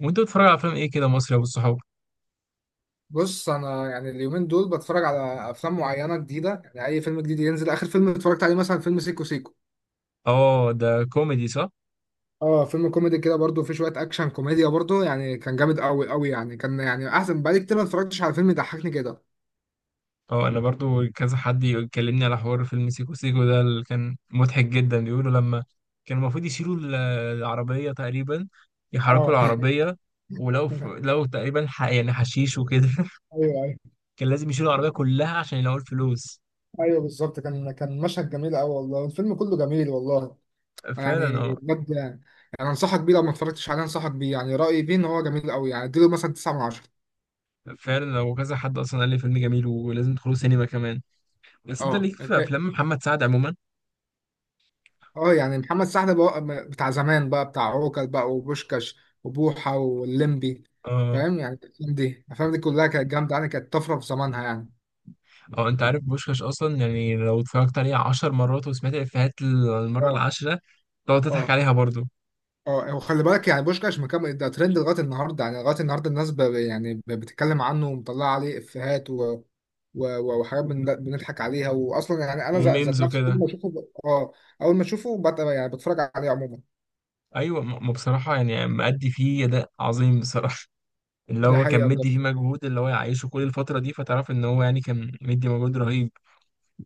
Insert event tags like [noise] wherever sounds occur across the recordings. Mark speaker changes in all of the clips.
Speaker 1: وانت بتتفرج على افلام ايه كده مصري يا ابو الصحاب؟
Speaker 2: بص انا يعني اليومين دول بتفرج على افلام معينه جديده، يعني اي فيلم جديد ينزل. اخر فيلم اتفرجت عليه مثلا فيلم سيكو سيكو.
Speaker 1: اه ده كوميدي صح؟
Speaker 2: اه، فيلم كوميدي كده، برضو فيه شويه اكشن كوميديا برضو، يعني كان جامد قوي قوي يعني كان يعني احسن بقالي كتير ما اتفرجتش على فيلم يضحكني كده.
Speaker 1: اه انا برضو كذا حد يكلمني على حوار فيلم سيكو سيكو ده اللي كان مضحك جدا، بيقولوا لما كان المفروض يشيلوا العربية تقريبا، يحركوا
Speaker 2: اه [laughs]
Speaker 1: العربية. ولو لو تقريبا يعني حشيش وكده [laughs]
Speaker 2: ايوه، ايوه.
Speaker 1: كان لازم يشيلوا العربية كلها عشان يلاقوا الفلوس.
Speaker 2: ايوه بالظبط، كان مشهد جميل قوي والله، الفيلم كله جميل والله.
Speaker 1: فعلا
Speaker 2: يعني
Speaker 1: اه.
Speaker 2: بجد يعني. انصحك بيه لو ما اتفرجتش عليه، انصحك بيه، يعني رايي بيه ان هو جميل قوي، يعني اديله مثلا 9 من 10.
Speaker 1: فعلا لو كذا حد اصلا قال لي فيلم جميل، ولازم تدخلوا سينما كمان. بس انت
Speaker 2: اه
Speaker 1: ليك في
Speaker 2: انت.
Speaker 1: افلام محمد سعد.
Speaker 2: اه، يعني محمد سعد بقى بتاع زمان بقى، بتاع عوكل بقى، وبوشكاش وبوحة واللمبي.
Speaker 1: عموما،
Speaker 2: فاهم؟ يعني الأفلام دي كلها كانت جامدة، يعني كانت طفرة في زمانها يعني.
Speaker 1: هو انت عارف بوشكاش اصلا؟ يعني لو اتفرجت عليه عشر مرات وسمعت الافيهات المره
Speaker 2: اه.
Speaker 1: العاشره، تقعد تضحك
Speaker 2: اه،
Speaker 1: عليها برضو.
Speaker 2: اه وخلي بالك يعني بوشكاش مكمل، ده ترند لغاية النهاردة، يعني لغاية النهاردة الناس بتتكلم عنه ومطلعة عليه إفيهات و وحاجات بنضحك عليها. وأصلا يعني أنا ذات
Speaker 1: وميمز
Speaker 2: نفسي كل
Speaker 1: وكده.
Speaker 2: ما أشوفه ب... اه أول ما أشوفه يعني بتفرج عليه عموما.
Speaker 1: ايوه، ما بصراحه يعني مأدي فيه اداء عظيم بصراحه. [laughs] اللي
Speaker 2: دي
Speaker 1: هو كان
Speaker 2: حقيقة بجد،
Speaker 1: مدي فيه مجهود اللي هو يعيشه كل الفتره دي، فتعرف ان هو يعني كان مدي مجهود رهيب.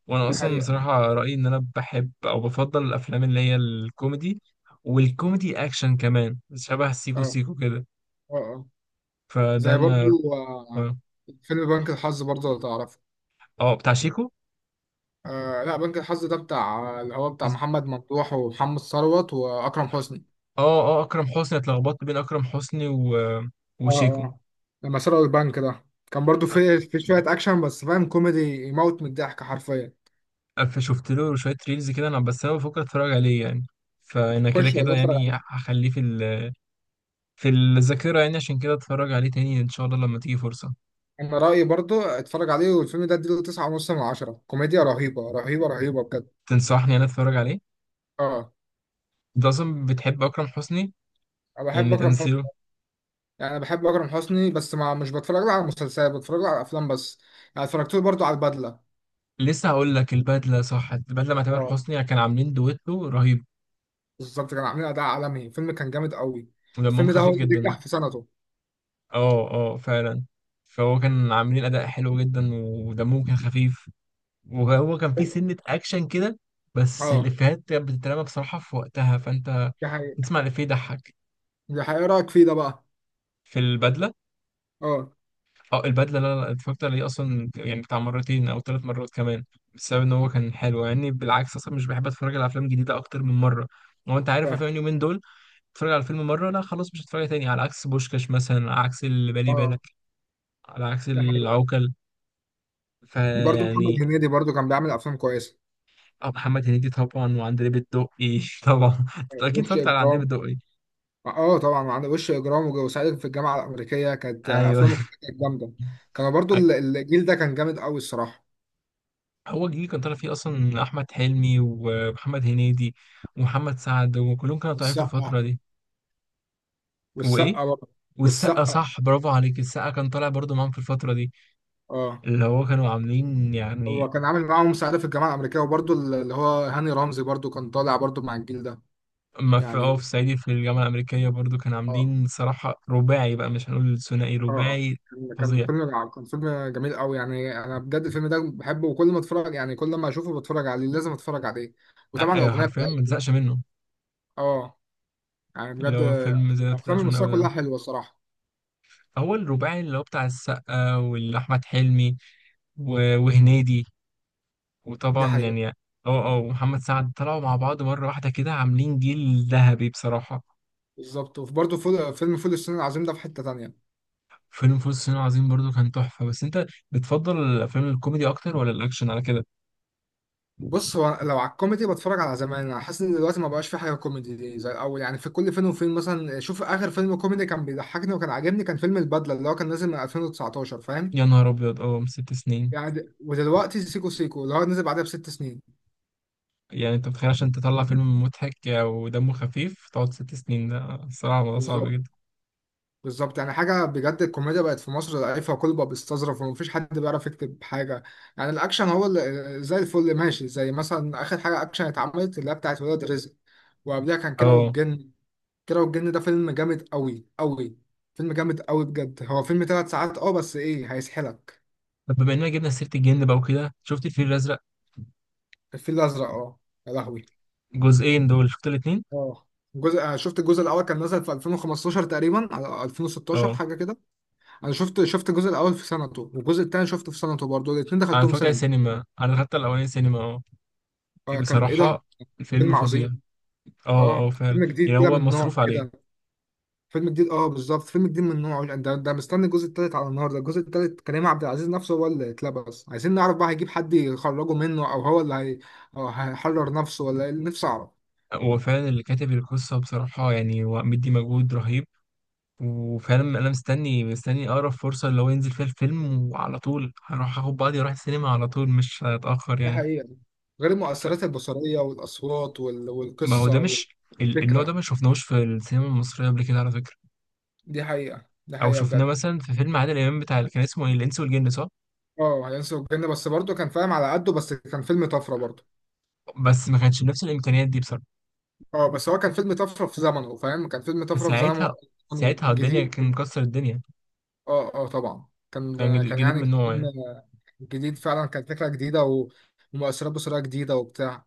Speaker 1: وانا
Speaker 2: دي
Speaker 1: اصلا
Speaker 2: حقيقة.
Speaker 1: بصراحه رايي ان انا بحب او بفضل الافلام اللي هي الكوميدي. والكوميدي اكشن كمان، شبه سيكو
Speaker 2: اه،
Speaker 1: سيكو كده.
Speaker 2: اه، اه.
Speaker 1: فده
Speaker 2: زي
Speaker 1: انا.
Speaker 2: برضو آه، فيلم بنك الحظ برضو لو تعرفه.
Speaker 1: اه بتاع شيكو.
Speaker 2: آه لا، بنك الحظ ده بتاع اللي هو بتاع محمد ممدوح ومحمد ثروت واكرم حسني.
Speaker 1: اه اه اكرم حسني، اتلخبطت بين اكرم حسني
Speaker 2: اه،
Speaker 1: وشيكو.
Speaker 2: اه، لما سرقوا البنك ده كان برضو في شويه اكشن، بس فاهم كوميدي يموت من الضحك حرفيا.
Speaker 1: شفت له شويه ريلز كده انا، بس انا بفكر اتفرج عليه يعني. فانا كده
Speaker 2: خش
Speaker 1: كده
Speaker 2: والله اتفرج
Speaker 1: يعني
Speaker 2: عليه.
Speaker 1: هخليه في الذاكره يعني، عشان كده اتفرج عليه تاني ان شاء الله لما تيجي فرصه.
Speaker 2: انا رايي برضو اتفرج عليه، والفيلم ده اديله تسعة ونص من عشرة، كوميديا رهيبه رهيبه رهيبه بجد.
Speaker 1: تنصحني انا اتفرج عليه؟
Speaker 2: اه،
Speaker 1: انت اصلا بتحب اكرم حسني،
Speaker 2: انا بحب
Speaker 1: يعني
Speaker 2: اكرم
Speaker 1: تمثيله؟
Speaker 2: حسني. يعني بحب اكرم حسني بس ما مش بتفرج له على مسلسلات، بتفرج له على افلام بس. يعني اتفرجت له برضو على البدله.
Speaker 1: لسه هقول لك البدله، صح؟ البدله مع تامر
Speaker 2: اه
Speaker 1: حسني كان عاملين دويتو رهيب.
Speaker 2: بالظبط، كانوا عاملين اداء عالمي، الفيلم كان جامد قوي.
Speaker 1: ودمهم
Speaker 2: الفيلم ده هو
Speaker 1: خفيف
Speaker 2: اللي
Speaker 1: جدا.
Speaker 2: نجح في سنته.
Speaker 1: اه اه فعلا. فهو كان عاملين اداء حلو جدا، ودمهم كان خفيف. وهو كان فيه سنة أكشن كده. بس
Speaker 2: اه،
Speaker 1: الإفيهات كانت بتترمى بصراحة في وقتها، فأنت
Speaker 2: دي حقيقة،
Speaker 1: تسمع الإفيه يضحك.
Speaker 2: دي حقيقة. إيه رأيك فيه ده بقى؟
Speaker 1: في البدلة؟
Speaker 2: اه
Speaker 1: أو البدلة، لا لا اتفرجت عليه أصلا يعني بتاع مرتين أو ثلاث مرات كمان، بسبب إن هو كان حلو يعني. بالعكس، أصلا مش بحب أتفرج على أفلام جديدة أكتر من مرة. هو أنت عارف
Speaker 2: فاهم.
Speaker 1: أفلام اليومين دول تتفرج على فيلم مرة، لا خلاص مش هتفرج تاني، على عكس بوشكاش مثلا، على عكس اللي بالي
Speaker 2: اه،
Speaker 1: بالك، على عكس
Speaker 2: دي حقيقة.
Speaker 1: العوكل.
Speaker 2: برضه محمد
Speaker 1: فيعني.
Speaker 2: هنيدي برضه كان بيعمل افلام كويسة.
Speaker 1: آه، محمد هنيدي طبعا، وعندليب الدقي [laughs] طبعا.
Speaker 2: آه،
Speaker 1: أكيد
Speaker 2: وش
Speaker 1: اتفرجت على عندليب
Speaker 2: اجرام.
Speaker 1: الدقي.
Speaker 2: اه طبعا، عندك وش اجرام وصعيدي في الجامعة الأمريكية. كانت آه،
Speaker 1: ايوه.
Speaker 2: افلامه كانت جامدة. كانوا برضه الجيل ده كان جامد قوي الصراحة.
Speaker 1: هو الجيل كان طالع فيه اصلا احمد حلمي ومحمد هنيدي ومحمد سعد، وكلهم كانوا طالعين في الفتره
Speaker 2: والسقا،
Speaker 1: دي. وايه
Speaker 2: والسقا برضه،
Speaker 1: والسقا،
Speaker 2: والسقا.
Speaker 1: صح، برافو عليك. السقا كان طالع برضو معاهم في الفتره دي
Speaker 2: اه،
Speaker 1: اللي هو كانوا عاملين يعني.
Speaker 2: هو كان عامل معاهم صعيدي في الجامعة الأمريكية، وبرضه اللي هو هاني رمزي برضه كان طالع برضه مع الجيل ده
Speaker 1: ما في اه
Speaker 2: يعني.
Speaker 1: في صعيدي في الجامعه الامريكيه برضو كانوا
Speaker 2: اه،
Speaker 1: عاملين صراحه رباعي بقى، مش هنقول ثنائي،
Speaker 2: اه.
Speaker 1: رباعي.
Speaker 2: كان كان
Speaker 1: فظيع.
Speaker 2: فيلم جع- كان فيلم جميل قوي، يعني انا بجد الفيلم ده بحبه، وكل ما اتفرج يعني كل ما اشوفه بتفرج عليه، لازم اتفرج عليه.
Speaker 1: آه،
Speaker 2: وطبعا
Speaker 1: آه،
Speaker 2: الاغنيه
Speaker 1: حرفيا ما
Speaker 2: بتاعته.
Speaker 1: تزهقش منه.
Speaker 2: اه، يعني
Speaker 1: اللي
Speaker 2: بجد.
Speaker 1: هو فيلم زي ما
Speaker 2: الافلام
Speaker 1: تزهقش منه
Speaker 2: المصريه كلها
Speaker 1: ابدا.
Speaker 2: حلوه الصراحه.
Speaker 1: هو الرباعي اللي هو بتاع السقا واحمد حلمي وهنيدي،
Speaker 2: دي
Speaker 1: وطبعا
Speaker 2: حقيقه.
Speaker 1: يعني اه، اه ومحمد سعد طلعوا مع بعض مرة واحدة كده عاملين جيل ذهبي بصراحة.
Speaker 2: بالظبط، وبرده فول، فيلم فول الصين العظيم ده في حته تانية.
Speaker 1: فيلم فول الصين العظيم برضو كان تحفة. بس انت بتفضل الافلام الكوميدي اكتر ولا الاكشن على كده؟
Speaker 2: بص، هو لو على الكوميدي بتفرج على زمان، انا حاسس ان دلوقتي ما بقاش في حاجه كوميدي دي زي الاول، يعني في كل فين وفين. مثلا شوف اخر فيلم كوميدي كان بيضحكني وكان عاجبني، كان فيلم البدله اللي هو كان نازل من 2019 فاهم؟
Speaker 1: يا نهار ابيض، اه ست سنين.
Speaker 2: يعني ودلوقتي سيكو سيكو اللي هو نزل بعدها بست سنين.
Speaker 1: يعني انت متخيل عشان تطلع فيلم مضحك ودمه خفيف تقعد ست سنين؟ ده الصراحة الموضوع صعب
Speaker 2: بالظبط،
Speaker 1: جدا.
Speaker 2: بالظبط. يعني حاجة بجد، الكوميديا بقت في مصر ضعيفة، وكل بقى بيستظرف ومفيش حد بيعرف يكتب حاجة. يعني الأكشن هو اللي زي الفل ماشي، زي مثلا آخر حاجة أكشن اتعملت اللي هي بتاعت ولاد رزق. وقبلها كان كيرة
Speaker 1: اه.
Speaker 2: والجن. كيرة والجن ده فيلم جامد أوي أوي، فيلم جامد أوي بجد. هو فيلم تلات ساعات أه، بس إيه هيسحلك.
Speaker 1: طب بما اننا جبنا سيرة الجن بقى وكده، شفت الفيل الازرق
Speaker 2: الفيل الأزرق أه، يا لهوي.
Speaker 1: جزئين دول، شفت الاتنين؟
Speaker 2: أه، الجزء، أنا شفت الجزء الأول كان نزل في 2015 تقريبا على 2016،
Speaker 1: اه
Speaker 2: حاجة كده. انا شفت الجزء الاول في سنته، والجزء الثاني شفته في سنته برضه، الاثنين
Speaker 1: انا
Speaker 2: دخلتهم
Speaker 1: اتفرجت على
Speaker 2: سينما.
Speaker 1: السينما، انا دخلت الاولاني سينما اه.
Speaker 2: فكان ايه ده،
Speaker 1: بصراحة الفيلم
Speaker 2: فيلم
Speaker 1: فظيع.
Speaker 2: عظيم.
Speaker 1: اه اه
Speaker 2: اه،
Speaker 1: فعلا،
Speaker 2: فيلم جديد
Speaker 1: يعني
Speaker 2: كده
Speaker 1: هو
Speaker 2: من نوع
Speaker 1: مصروف
Speaker 2: كده،
Speaker 1: عليه.
Speaker 2: فيلم جديد، اه بالظبط، فيلم جديد من نوعه. ده ده مستني الجزء الثالث على النهارده. الجزء الثالث كريم عبد العزيز نفسه هو اللي اتلبس، عايزين نعرف بقى هيجيب حد يخرجه منه، او هو اللي أو هيحرر نفسه ولا ايه، نفسي اعرف.
Speaker 1: هو فعلا اللي كاتب القصة بصراحة يعني هو مدي مجهود رهيب. وفعلا أنا مستني مستني أقرب فرصة اللي هو ينزل فيها الفيلم، وعلى طول هروح آخد بعضي وأروح السينما على طول، مش هتأخر
Speaker 2: دي
Speaker 1: يعني.
Speaker 2: حقيقة. غير
Speaker 1: ف...
Speaker 2: المؤثرات البصرية والاصوات
Speaker 1: ما هو ده
Speaker 2: والقصة
Speaker 1: مش، النوع ده
Speaker 2: والفكرة.
Speaker 1: ما شفناهوش في السينما المصرية قبل كده، على فكرة.
Speaker 2: دي حقيقة، دي
Speaker 1: أو
Speaker 2: حقيقة
Speaker 1: شفناه
Speaker 2: بجد.
Speaker 1: مثلا في فيلم عادل إمام، بتاع اللي كان اسمه إيه؟ الإنس والجن، صح؟
Speaker 2: اه هينسوا الجنة، بس برضه كان فاهم على قده، بس كان فيلم طفرة برضه.
Speaker 1: بس ما كانش بنفس الإمكانيات دي بصراحة.
Speaker 2: اه، بس هو كان فيلم طفره في زمنه فاهم، كان فيلم طفره في زمنه.
Speaker 1: فساعتها،
Speaker 2: كان
Speaker 1: ساعتها الدنيا
Speaker 2: جديد.
Speaker 1: كان مكسر الدنيا.
Speaker 2: اه، اه طبعا كان.
Speaker 1: كان
Speaker 2: كان
Speaker 1: جديد
Speaker 2: يعني
Speaker 1: من
Speaker 2: كان
Speaker 1: نوعه
Speaker 2: فيلم
Speaker 1: يعني.
Speaker 2: جديد فعلا، كانت فكره جديده و ومؤثرات بصريه جديده وبتاع.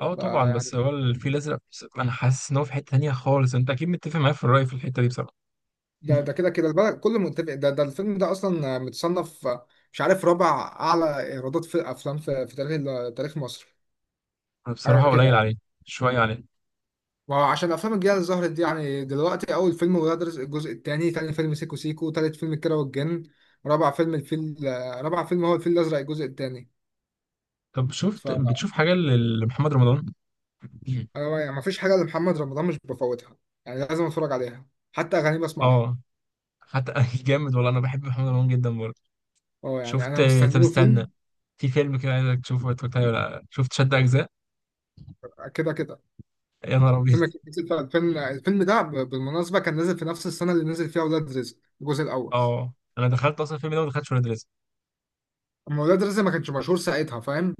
Speaker 1: اه طبعا.
Speaker 2: فيعني
Speaker 1: بس هو الفيل الازرق انا حاسس ان هو في حته تانية خالص، انت اكيد متفق معايا في الراي في الحته دي بصراحه.
Speaker 2: ده
Speaker 1: مم.
Speaker 2: ده كده كده البلد كله متفق. ده الفيلم ده اصلا متصنف مش عارف رابع اعلى ايرادات في افلام في، في تاريخ تاريخ مصر،
Speaker 1: انا
Speaker 2: حاجه
Speaker 1: بصراحه
Speaker 2: كده
Speaker 1: قليل
Speaker 2: يعني.
Speaker 1: عليه، شويه عليه.
Speaker 2: ما هو عشان الافلام الجديده اللي ظهرت دي، يعني دلوقتي اول فيلم ولاد رزق الجزء الثاني، ثاني فيلم سيكو سيكو، ثالث فيلم الكيرة والجن، رابع فيلم الفيل، آه، رابع فيلم هو الفيل الازرق الجزء الثاني.
Speaker 1: طب
Speaker 2: ف،
Speaker 1: شفت، بتشوف حاجه لمحمد رمضان؟ مم.
Speaker 2: أنا يعني ما فيش حاجه لمحمد رمضان مش بفوتها، يعني لازم اتفرج عليها، حتى اغاني بسمعها.
Speaker 1: اه. حتى [laughs] جامد والله، انا بحب محمد رمضان جدا برضه.
Speaker 2: اه، يعني
Speaker 1: شفت.
Speaker 2: انا
Speaker 1: طب
Speaker 2: مستني له
Speaker 1: استنى،
Speaker 2: فيلم.
Speaker 1: في فيلم كده عايزك تشوفه، اتفرجت عليه ولا لأ؟ شفت شد اجزاء؟
Speaker 2: كده كده
Speaker 1: يا نهار ابيض
Speaker 2: فيلم كان نازل في 2000، الفيلم ده بالمناسبه كان نازل في نفس السنه اللي نزل فيها ولاد رزق الجزء
Speaker 1: [laughs]
Speaker 2: الاول.
Speaker 1: اه، انا دخلت اصلا الفيلم ده وما دخلتش ولاد رزق.
Speaker 2: اما ولاد رزق ما كانش مشهور ساعتها فاهم،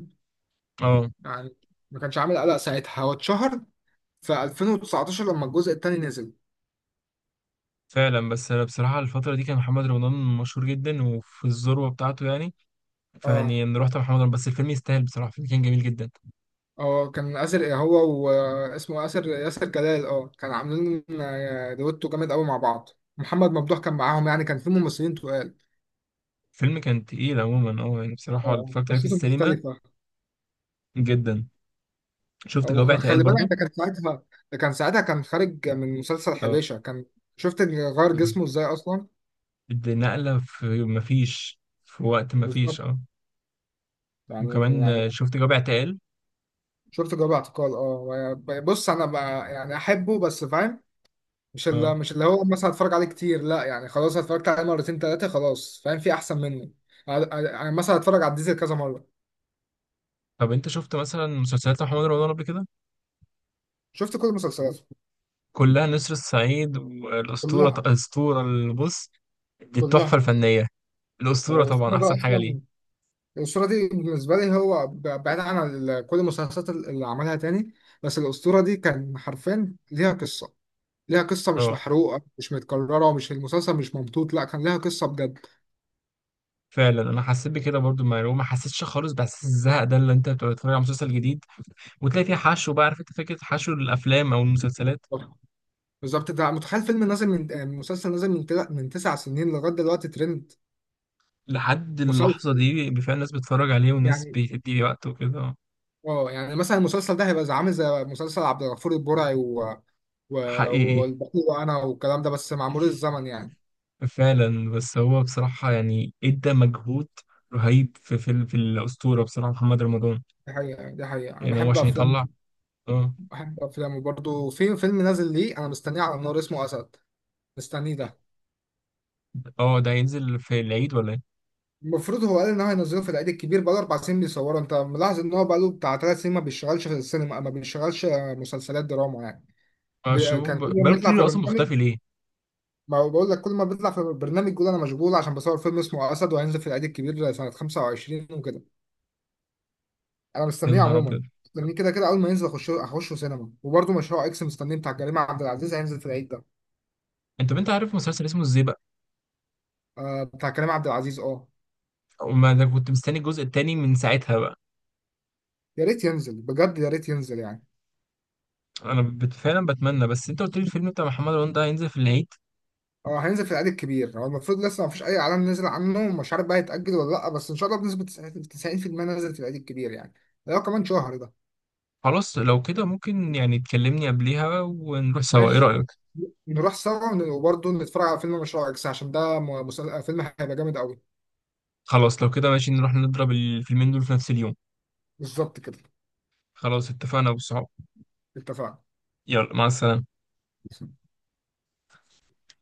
Speaker 1: اه
Speaker 2: يعني ما كانش عامل قلق ساعتها، هو اتشهر في 2019 لما الجزء التاني نزل.
Speaker 1: فعلا. بس انا بصراحه الفتره دي كان محمد رمضان مشهور جدا وفي الذروه بتاعته يعني،
Speaker 2: اه،
Speaker 1: فيعني نروح طبعا رمضان. بس الفيلم يستاهل بصراحة، الفيلم كان جميل جدا.
Speaker 2: اه كان آسر، إيه هو واسمه آسر، ياسر جلال، اه كان عاملين آه، دويتو جامد قوي مع بعض. محمد ممدوح كان معاهم، يعني كان في ممثلين تقال.
Speaker 1: الفيلم كان تقيل عموما اه. يعني بصراحة
Speaker 2: اه
Speaker 1: اتفرجت عليه في
Speaker 2: قصته
Speaker 1: السينما،
Speaker 2: مختلفة.
Speaker 1: جدا. شفت جواب اعتقال
Speaker 2: وخلي بالك
Speaker 1: برضو؟
Speaker 2: ده كان ساعتها، ده كان ساعتها كان خارج من مسلسل
Speaker 1: اه
Speaker 2: حبيشة كان. شفت إن غير
Speaker 1: مهم.
Speaker 2: جسمه ازاي اصلا.
Speaker 1: دي نقلة، في مفيش في وقت مفيش،
Speaker 2: بالظبط،
Speaker 1: اه.
Speaker 2: يعني
Speaker 1: وكمان
Speaker 2: يعني.
Speaker 1: آه، شفت جواب اعتقال
Speaker 2: شفت جواب اعتقال اه. بص انا بقى يعني احبه بس فاهم، مش
Speaker 1: اه.
Speaker 2: اللي مش اللي هو مثلا هتفرج عليه كتير لا، يعني خلاص اتفرجت عليه مرتين تلاتة خلاص، فاهم في احسن منه. يعني مثلا هتفرج على الديزل كذا مرة.
Speaker 1: طب انت شفت مثلا مسلسلات محمد رمضان قبل كده،
Speaker 2: شفت كل المسلسلات،
Speaker 1: كلها، نسر الصعيد والأسطورة؟
Speaker 2: كلها،
Speaker 1: الأسطورة البص، دي التحفة
Speaker 2: كلها.
Speaker 1: الفنية.
Speaker 2: هو
Speaker 1: الأسطورة طبعا
Speaker 2: الأسطورة ده
Speaker 1: أحسن حاجة
Speaker 2: أصلا،
Speaker 1: ليه.
Speaker 2: الأسطورة دي بالنسبة لي هو بعيد عن كل المسلسلات اللي عملها تاني، بس الأسطورة دي كان حرفيا ليها قصة، ليها قصة مش
Speaker 1: اه
Speaker 2: محروقة، مش متكررة، ومش المسلسل مش ممطوط، لا كان ليها قصة بجد.
Speaker 1: فعلا. انا حسيت بكده برضو، المعلومه ما حسيتش خالص باحساس الزهق ده، اللي انت بتبقى بتتفرج على مسلسل جديد وتلاقي فيه حشو بقى، عارف انت فكره حشو الافلام او المسلسلات.
Speaker 2: بالظبط، ده متخيل فيلم نازل من آه، مسلسل نازل من من تسع سنين لغاية دلوقتي ترند،
Speaker 1: لحد اللحظه
Speaker 2: مسلسل
Speaker 1: دي، بفعلا الناس بتتفرج عليه، وناس
Speaker 2: يعني.
Speaker 1: بتدي وقت وكده.
Speaker 2: اه، يعني مثلا المسلسل ده هيبقى عامل زي مسلسل عبد الغفور البرعي و
Speaker 1: حقيقي.
Speaker 2: والبخيل وانا والكلام ده، بس مع مرور الزمن يعني.
Speaker 1: فعلا. بس هو بصراحة يعني ادى مجهود رهيب في في الأسطورة بصراحة محمد رمضان.
Speaker 2: دي حقيقة، دي حقيقة. انا
Speaker 1: يعني هو
Speaker 2: بحب
Speaker 1: عشان
Speaker 2: افلام،
Speaker 1: يطلع. اه
Speaker 2: بحب افلام. وبرضه في فيلم نازل ليه انا مستنيه على النار، اسمه اسد، مستنيه ده.
Speaker 1: اه، ده هينزل في العيد ولا ايه؟
Speaker 2: المفروض هو قال ان هو هينزله في العيد الكبير، بقاله اربع سنين بيصوره. انت ملاحظ ان هو بقاله بتاع ثلاث سنين ما بيشتغلش في السينما، ما بيشتغلش مسلسلات دراما يعني.
Speaker 1: اه شوف
Speaker 2: كان كل ما
Speaker 1: بقاله
Speaker 2: بيطلع في
Speaker 1: كتير أصلا،
Speaker 2: برنامج،
Speaker 1: مختفي ليه؟
Speaker 2: ما هو بقول لك كل ما بيطلع في برنامج يقول انا مشغول عشان بصور فيلم اسمه اسد وهينزل في العيد الكبير سنة 25 وكده. انا
Speaker 1: يا
Speaker 2: مستنيه
Speaker 1: نهار
Speaker 2: عموما،
Speaker 1: أبيض،
Speaker 2: مستنيه كده كده، اول ما ينزل اخش، اخشه سينما. وبرده مشروع اكس مستنيه، بتاع كريم عبد العزيز، هينزل في العيد ده.
Speaker 1: انت بنت عارف مسلسل اسمه ازاي.
Speaker 2: آه بتاع كريم عبد العزيز اه.
Speaker 1: وما انا كنت مستني الجزء التاني من ساعتها بقى.
Speaker 2: يا ريت ينزل بجد، يا ريت ينزل يعني.
Speaker 1: انا فعلا بتمنى. بس انت قلت لي الفيلم بتاع محمد رمضان ده هينزل في العيد.
Speaker 2: اه هينزل في العيد الكبير، هو المفروض، لسه ما فيش اي اعلان نزل عنه، مش عارف بقى يتاجل ولا لا، بس ان شاء الله بنسبه 90% نزل في العيد الكبير يعني، ده كمان شهر ده.
Speaker 1: خلاص لو كده ممكن يعني تكلمني قبليها ونروح سوا، ايه
Speaker 2: ماشي،
Speaker 1: رأيك؟
Speaker 2: نروح سوا، وبرده نتفرج على فيلم مشروع اكس عشان ده فيلم هيبقى جامد قوي.
Speaker 1: خلاص لو كده ماشي، نروح نضرب الفيلمين دول في نفس اليوم.
Speaker 2: بالظبط كده،
Speaker 1: خلاص اتفقنا يا ابو الصحاب.
Speaker 2: اتفقنا.
Speaker 1: يلا مع السلامة.